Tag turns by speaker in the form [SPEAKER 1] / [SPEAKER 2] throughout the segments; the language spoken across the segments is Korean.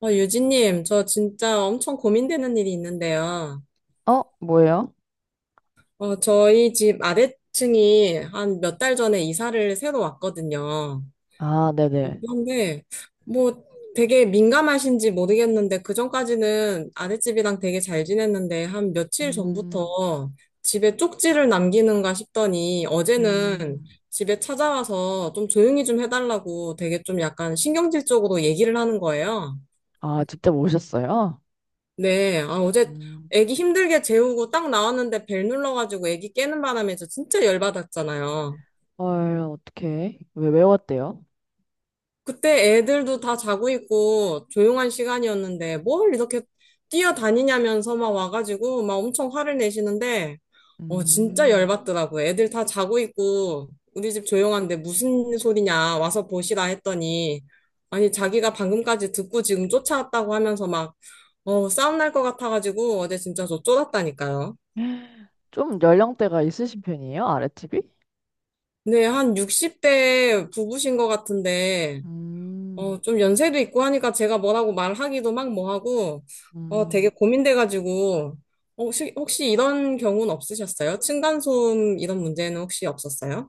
[SPEAKER 1] 유진님, 저 진짜 엄청 고민되는 일이 있는데요.
[SPEAKER 2] 어? 뭐예요?
[SPEAKER 1] 저희 집 아래층이 한 몇 달 전에 이사를 새로 왔거든요.
[SPEAKER 2] 아, 네네.
[SPEAKER 1] 그런데 뭐 되게 민감하신지 모르겠는데 그전까지는 아랫집이랑 되게 잘 지냈는데 한 며칠
[SPEAKER 2] 음,
[SPEAKER 1] 전부터 집에 쪽지를 남기는가 싶더니 어제는
[SPEAKER 2] 음.
[SPEAKER 1] 집에 찾아와서 좀 조용히 좀 해달라고 되게 좀 약간 신경질적으로 얘기를 하는 거예요.
[SPEAKER 2] 아, 직접 오셨어요?
[SPEAKER 1] 네, 아, 어제
[SPEAKER 2] 음.
[SPEAKER 1] 애기 힘들게 재우고 딱 나왔는데 벨 눌러가지고 애기 깨는 바람에 저 진짜 열받았잖아요.
[SPEAKER 2] 헐, 어떡해. 왜 외웠대요?
[SPEAKER 1] 그때 애들도 다 자고 있고 조용한 시간이었는데 뭘 이렇게 뛰어다니냐면서 막 와가지고 막 엄청 화를 내시는데, 진짜
[SPEAKER 2] 음.
[SPEAKER 1] 열받더라고요. 애들 다 자고 있고 우리 집 조용한데 무슨 소리냐 와서 보시라 했더니, 아니, 자기가 방금까지 듣고 지금 쫓아왔다고 하면서 막, 싸움 날 것 같아가지고 어제 진짜 저 쫄았다니까요.
[SPEAKER 2] 좀 연령대가 있으신 편이에요? 아랫집이?
[SPEAKER 1] 네, 한 60대 부부신 것 같은데,
[SPEAKER 2] 음.
[SPEAKER 1] 좀 연세도 있고 하니까 제가 뭐라고 말하기도 막 뭐하고, 되게
[SPEAKER 2] 음.
[SPEAKER 1] 고민돼가지고, 혹시 이런 경우는 없으셨어요? 층간소음 이런 문제는 혹시 없었어요?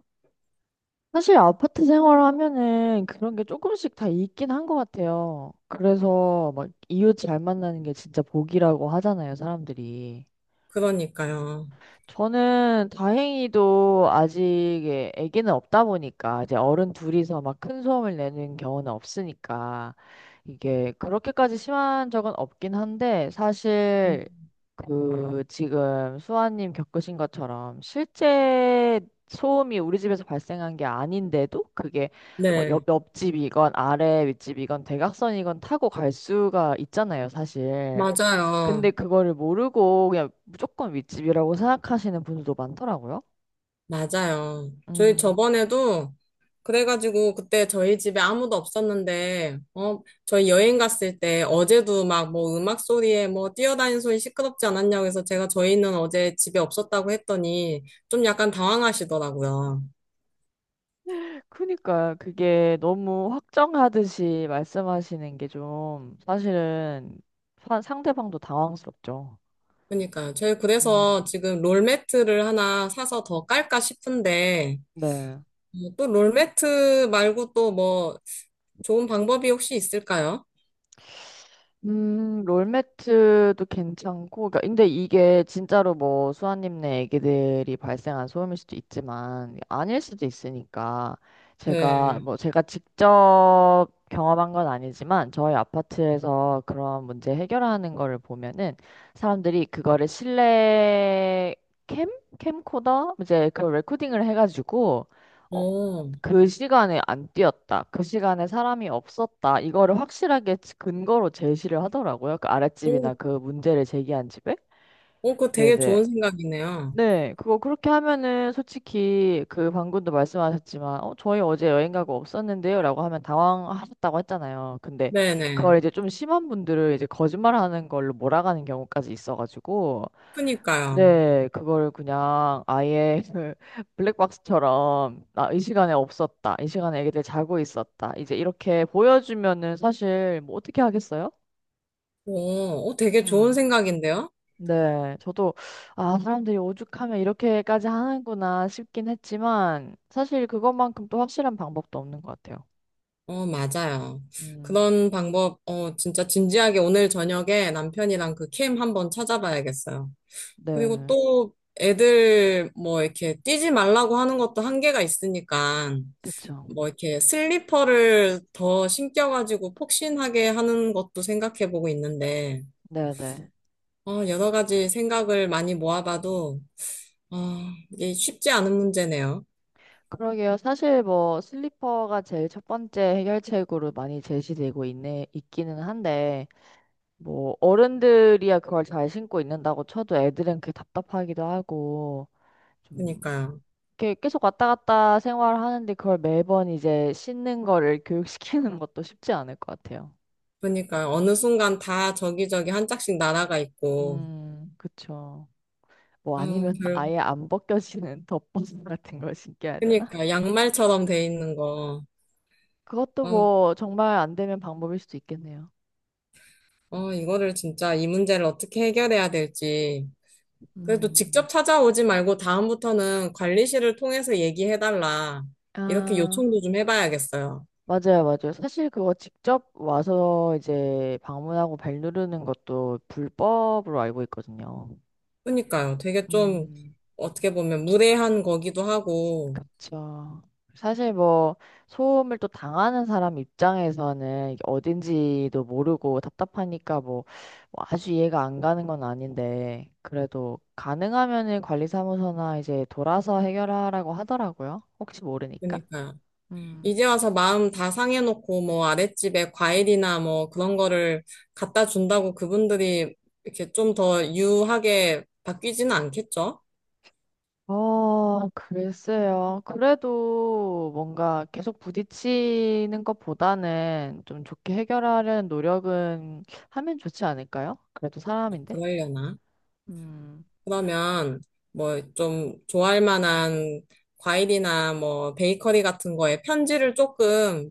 [SPEAKER 2] 사실 아파트 생활하면은 그런 게 조금씩 다 있긴 한 것 같아요. 그래서 막 이웃 잘 만나는 게 진짜 복이라고 하잖아요, 사람들이.
[SPEAKER 1] 그러니까요.
[SPEAKER 2] 저는 다행히도 아직 예, 아기는 없다 보니까 이제 어른 둘이서 막 큰 소음을 내는 경우는 없으니까 이게 그렇게까지 심한 적은 없긴 한데 사실
[SPEAKER 1] 음.
[SPEAKER 2] 그 지금 수아님 겪으신 것처럼 실제 소음이 우리 집에서 발생한 게 아닌데도 그게 뭐
[SPEAKER 1] 네,
[SPEAKER 2] 옆집이건 아래 윗집이건 대각선이건 타고 갈 수가 있잖아요, 사실. 근데
[SPEAKER 1] 맞아요.
[SPEAKER 2] 그거를 모르고 그냥 무조건 윗집이라고 생각하시는 분들도 많더라고요.
[SPEAKER 1] 맞아요. 저희
[SPEAKER 2] 음.
[SPEAKER 1] 저번에도 그래가지고 그때 저희 집에 아무도 없었는데, 저희 여행 갔을 때 어제도 막 뭐 음악 소리에 뭐 뛰어다니는 소리 시끄럽지 않았냐고 해서 제가 저희는 어제 집에 없었다고 했더니 좀 약간 당황하시더라고요.
[SPEAKER 2] 그니까 그게 너무 확정하듯이 말씀하시는 게 좀 사실은 상대방도 당황스럽죠.
[SPEAKER 1] 그러니까요. 저희 그래서
[SPEAKER 2] 음.
[SPEAKER 1] 지금 롤매트를 하나 사서 더 깔까 싶은데,
[SPEAKER 2] 네.
[SPEAKER 1] 또 롤매트 말고 또 뭐 좋은 방법이 혹시 있을까요?
[SPEAKER 2] 롤매트도 괜찮고, 그러니까 근데 이게 진짜로 뭐 수아님네 애기들이 발생한 소음일 수도 있지만, 아닐 수도 있으니까, 제가,
[SPEAKER 1] 네.
[SPEAKER 2] 뭐 제가 직접 경험한 건 아니지만, 저희 아파트에서 그런 문제 해결하는 거를 보면은, 사람들이 그거를 실내 캠? 캠코더? 이제 그 레코딩을 해가지고, 어,
[SPEAKER 1] 어.
[SPEAKER 2] 그 시간에 안 뛰었다. 그 시간에 사람이 없었다. 이거를 확실하게 근거로 제시를 하더라고요. 그
[SPEAKER 1] 오,
[SPEAKER 2] 아랫집이나 그 문제를 제기한 집에.
[SPEAKER 1] 그거 되게
[SPEAKER 2] 네네.
[SPEAKER 1] 좋은 생각이네요.
[SPEAKER 2] 네, 그거 그렇게 하면은 솔직히 그 방금도 말씀하셨지만, 어, 저희 어제 여행 가고 없었는데요? 라고 하면 당황하셨다고 했잖아요. 근데
[SPEAKER 1] 네네.
[SPEAKER 2] 그걸 이제 좀 심한 분들을 이제 거짓말하는 걸로 몰아가는 경우까지 있어가지고,
[SPEAKER 1] 그니까요.
[SPEAKER 2] 네, 그걸 그냥 아예 블랙박스처럼 나 이 시간에 없었다. 이 시간에 애기들 자고 있었다. 이제 이렇게 보여주면은 사실 뭐 어떻게 하겠어요?
[SPEAKER 1] 오, 되게 좋은
[SPEAKER 2] 음.
[SPEAKER 1] 생각인데요?
[SPEAKER 2] 네, 저도 아, 사람들이 오죽하면 이렇게까지 하는구나 싶긴 했지만 사실 그것만큼 또 확실한 방법도 없는 것 같아요.
[SPEAKER 1] 맞아요.
[SPEAKER 2] 음.
[SPEAKER 1] 그런 방법, 진짜 진지하게 오늘 저녁에 남편이랑 그 캠 한번 찾아봐야겠어요. 그리고
[SPEAKER 2] 네.
[SPEAKER 1] 또 애들 뭐 이렇게 뛰지 말라고 하는 것도 한계가 있으니까
[SPEAKER 2] 그쵸.
[SPEAKER 1] 뭐 이렇게 슬리퍼를 더 신겨가지고 폭신하게 하는 것도 생각해보고 있는데,
[SPEAKER 2] 네, 네.
[SPEAKER 1] 여러 가지 생각을 많이 모아봐도 아, 이게 쉽지 않은 문제네요.
[SPEAKER 2] 그러게요. 사실 뭐 슬리퍼가 제일 첫 번째 해결책으로 많이 제시되고 있네 있기는 한데 뭐 어른들이야 그걸 잘 신고 있는다고 쳐도 애들은 그게 답답하기도 하고 좀
[SPEAKER 1] 그러니까요.
[SPEAKER 2] 이렇게 계속 왔다 갔다 생활하는데 그걸 매번 이제 신는 거를 교육시키는 것도 쉽지 않을 것 같아요.
[SPEAKER 1] 그러니까 어느 순간 다 저기저기 한 짝씩 날아가 있고,
[SPEAKER 2] 그쵸. 뭐
[SPEAKER 1] 어,
[SPEAKER 2] 아니면
[SPEAKER 1] 결,
[SPEAKER 2] 아예 안 벗겨지는 덮버섯 같은 걸 신겨야 되나?
[SPEAKER 1] 그러니까 양말처럼 돼 있는 거.
[SPEAKER 2] 그것도
[SPEAKER 1] 어,
[SPEAKER 2] 뭐 정말 안 되면 방법일 수도 있겠네요.
[SPEAKER 1] 이거를 진짜 이 문제를 어떻게 해결해야 될지. 그래도
[SPEAKER 2] 음,
[SPEAKER 1] 직접 찾아오지 말고 다음부터는 관리실을 통해서 얘기해달라. 이렇게
[SPEAKER 2] 아.
[SPEAKER 1] 요청도 좀 해봐야겠어요.
[SPEAKER 2] 맞아요, 맞아요. 사실 그거 직접 와서 이제 방문하고 벨 누르는 것도 불법으로 알고 있거든요.
[SPEAKER 1] 그러니까요. 되게 좀
[SPEAKER 2] 음,
[SPEAKER 1] 어떻게 보면 무례한 거기도 하고,
[SPEAKER 2] 그쵸. 사실 뭐 소음을 또 당하는 사람 입장에서는 이게 어딘지도 모르고 답답하니까 뭐, 뭐 아주 이해가 안 가는 건 아닌데 그래도 가능하면은 관리사무소나 이제 돌아서 해결하라고 하더라고요. 혹시 모르니까.
[SPEAKER 1] 그러니까요.
[SPEAKER 2] 음.
[SPEAKER 1] 이제 와서 마음 다 상해놓고 뭐 아랫집에 과일이나 뭐 그런 거를 갖다 준다고 그분들이 이렇게 좀 더 유하게 바뀌지는 않겠죠?
[SPEAKER 2] 어, 글쎄요. 그래도 뭔가 계속 부딪히는 것보다는 좀 좋게 해결하려는 노력은 하면 좋지 않을까요? 그래도 사람인데.
[SPEAKER 1] 그러려나?
[SPEAKER 2] 음.
[SPEAKER 1] 그러면 뭐 좀 좋아할 만한 과일이나 뭐 베이커리 같은 거에 편지를 조금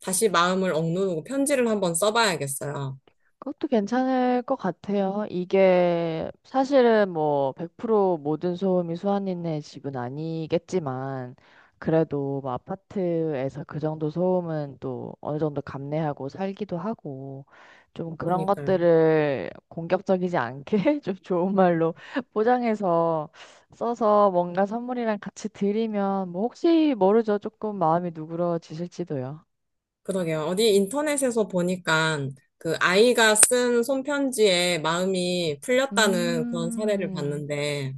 [SPEAKER 1] 다시 마음을 억누르고 편지를 한번 써봐야겠어요.
[SPEAKER 2] 그것도 괜찮을 것 같아요. 이게 사실은 뭐 100% 모든 소음이 수아님네 집은 아니겠지만 그래도 뭐 아파트에서 그 정도 소음은 또 어느 정도 감내하고 살기도 하고 좀 그런
[SPEAKER 1] 그러니까요.
[SPEAKER 2] 것들을 공격적이지 않게 좀 좋은 말로 포장해서 써서 뭔가 선물이랑 같이 드리면 뭐 혹시 모르죠. 조금 마음이 누그러지실지도요.
[SPEAKER 1] 그러게요. 어디 인터넷에서 보니까 그 아이가 쓴 손편지에 마음이 풀렸다는 그런 사례를
[SPEAKER 2] 음,
[SPEAKER 1] 봤는데,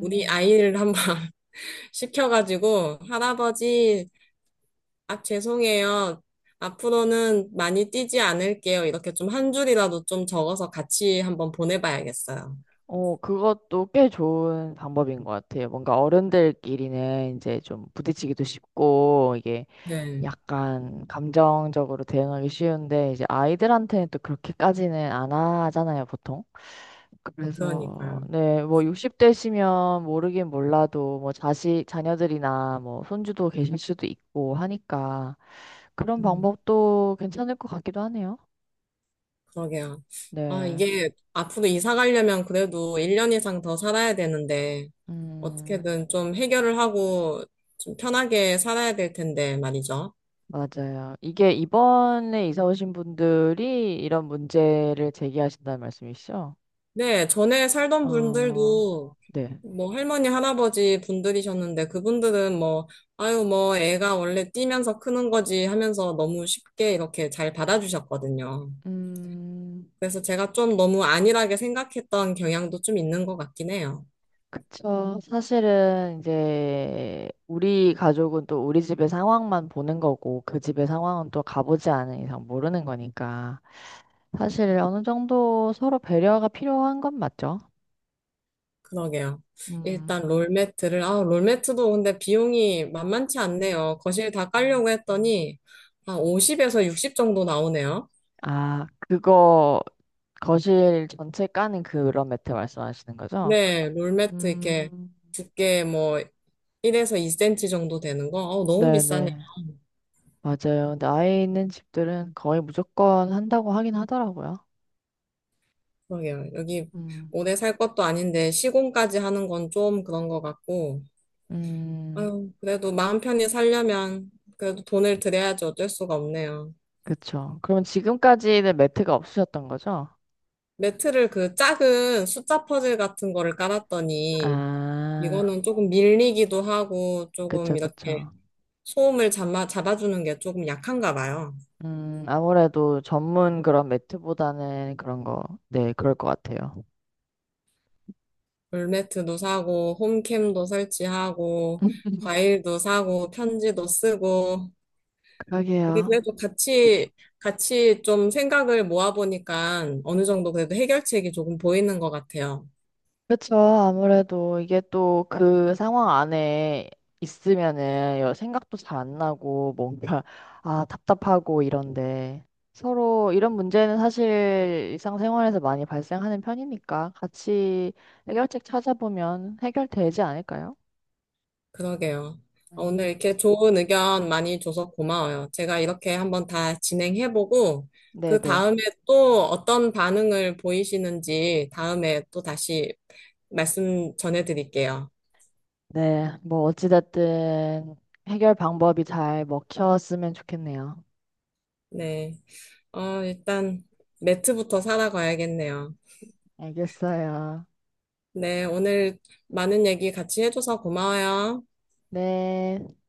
[SPEAKER 1] 우리 아이를 한번 시켜가지고, 할아버지, 아, 죄송해요. 앞으로는 많이 뛰지 않을게요. 이렇게 좀 한 줄이라도 좀 적어서 같이 한번 보내봐야겠어요.
[SPEAKER 2] 어, 그것도 꽤 좋은 방법인 것 같아요. 뭔가 어른들끼리는 이제 좀 부딪히기도 쉽고, 이게
[SPEAKER 1] 네,
[SPEAKER 2] 약간 감정적으로 대응하기 쉬운데, 이제 아이들한테는 또 그렇게까지는 안 하잖아요, 보통. 그래서,
[SPEAKER 1] 그러니까요.
[SPEAKER 2] 네, 뭐 60대시면 모르긴 몰라도, 뭐 자녀들이나 뭐 손주도 계실 수도 있고 하니까, 그런
[SPEAKER 1] 음,
[SPEAKER 2] 방법도 괜찮을 것 같기도 하네요.
[SPEAKER 1] 그러게요. 아,
[SPEAKER 2] 네.
[SPEAKER 1] 이게 앞으로 이사 가려면 그래도 1년 이상 더 살아야 되는데,
[SPEAKER 2] 음.
[SPEAKER 1] 어떻게든 좀 해결을 하고 좀 편하게 살아야 될 텐데 말이죠.
[SPEAKER 2] 맞아요. 이게 이번에 이사 오신 분들이 이런 문제를 제기하신다는 말씀이시죠?
[SPEAKER 1] 네, 전에 살던
[SPEAKER 2] 어,
[SPEAKER 1] 분들도
[SPEAKER 2] 네.
[SPEAKER 1] 뭐 할머니, 할아버지 분들이셨는데 그분들은 뭐, 아유, 뭐 애가 원래 뛰면서 크는 거지 하면서 너무 쉽게 이렇게 잘 받아주셨거든요.
[SPEAKER 2] 음,
[SPEAKER 1] 그래서 제가 좀 너무 안일하게 생각했던 경향도 좀 있는 것 같긴 해요.
[SPEAKER 2] 그쵸. 사실은 이제 우리 가족은 또 우리 집의 상황만 보는 거고 그 집의 상황은 또 가보지 않은 이상 모르는 거니까 사실 어느 정도 서로 배려가 필요한 건 맞죠?
[SPEAKER 1] 그러게요.
[SPEAKER 2] 음,
[SPEAKER 1] 일단 롤매트를, 아, 롤매트도 근데 비용이 만만치 않네요. 거실 다 깔려고 했더니, 한 50에서 60 정도 나오네요.
[SPEAKER 2] 아, 그거 거실 전체 까는 그런 매트 말씀하시는 거죠?
[SPEAKER 1] 네, 롤매트 이렇게
[SPEAKER 2] 음.
[SPEAKER 1] 두께 뭐 1에서 2cm 정도 되는 거, 너무 비싸네.
[SPEAKER 2] 네네. 맞아요. 근데 아이 있는 집들은 거의 무조건 한다고 하긴 하더라고요.
[SPEAKER 1] 그러게요. 여기
[SPEAKER 2] 음.
[SPEAKER 1] 오래 살 것도 아닌데 시공까지 하는 건 좀 그런 것 같고,
[SPEAKER 2] 음,
[SPEAKER 1] 아유, 그래도 마음 편히 살려면 그래도 돈을 들여야지 어쩔 수가 없네요.
[SPEAKER 2] 그쵸. 그럼 지금까지는 매트가 없으셨던 거죠?
[SPEAKER 1] 매트를 그 작은 숫자 퍼즐 같은 거를 깔았더니
[SPEAKER 2] 아,
[SPEAKER 1] 이거는 조금 밀리기도 하고 조금
[SPEAKER 2] 그쵸,
[SPEAKER 1] 이렇게
[SPEAKER 2] 그쵸.
[SPEAKER 1] 소음을 잡아주는 게 조금 약한가 봐요.
[SPEAKER 2] 아무래도 전문 그런 매트보다는 그런 거, 네, 그럴 것 같아요.
[SPEAKER 1] 물매트도 사고 홈캠도 설치하고 과일도 사고 편지도 쓰고 우리
[SPEAKER 2] 그러게요.
[SPEAKER 1] 그래도 같이 좀 생각을 모아보니까 어느 정도 그래도 해결책이 조금 보이는 것 같아요.
[SPEAKER 2] 그쵸. 아무래도 이게 또 그 상황 안에 있으면은 생각도 잘 안 나고 뭔가 아 답답하고 이런데 서로 이런 문제는 사실 일상생활에서 많이 발생하는 편이니까 같이 해결책 찾아보면 해결되지 않을까요?
[SPEAKER 1] 그러게요.
[SPEAKER 2] 음.
[SPEAKER 1] 오늘 이렇게 좋은 의견 많이 줘서 고마워요. 제가 이렇게 한번 다 진행해보고, 그
[SPEAKER 2] 네네.
[SPEAKER 1] 다음에 또 어떤 반응을 보이시는지 다음에 또 다시 말씀 전해드릴게요.
[SPEAKER 2] 네. 뭐 어찌됐든 해결 방법이 잘 먹혔으면 좋겠네요.
[SPEAKER 1] 네. 일단 매트부터 사러 가야겠네요.
[SPEAKER 2] 알겠어요.
[SPEAKER 1] 네. 오늘 많은 얘기 같이 해줘서 고마워요.
[SPEAKER 2] 네.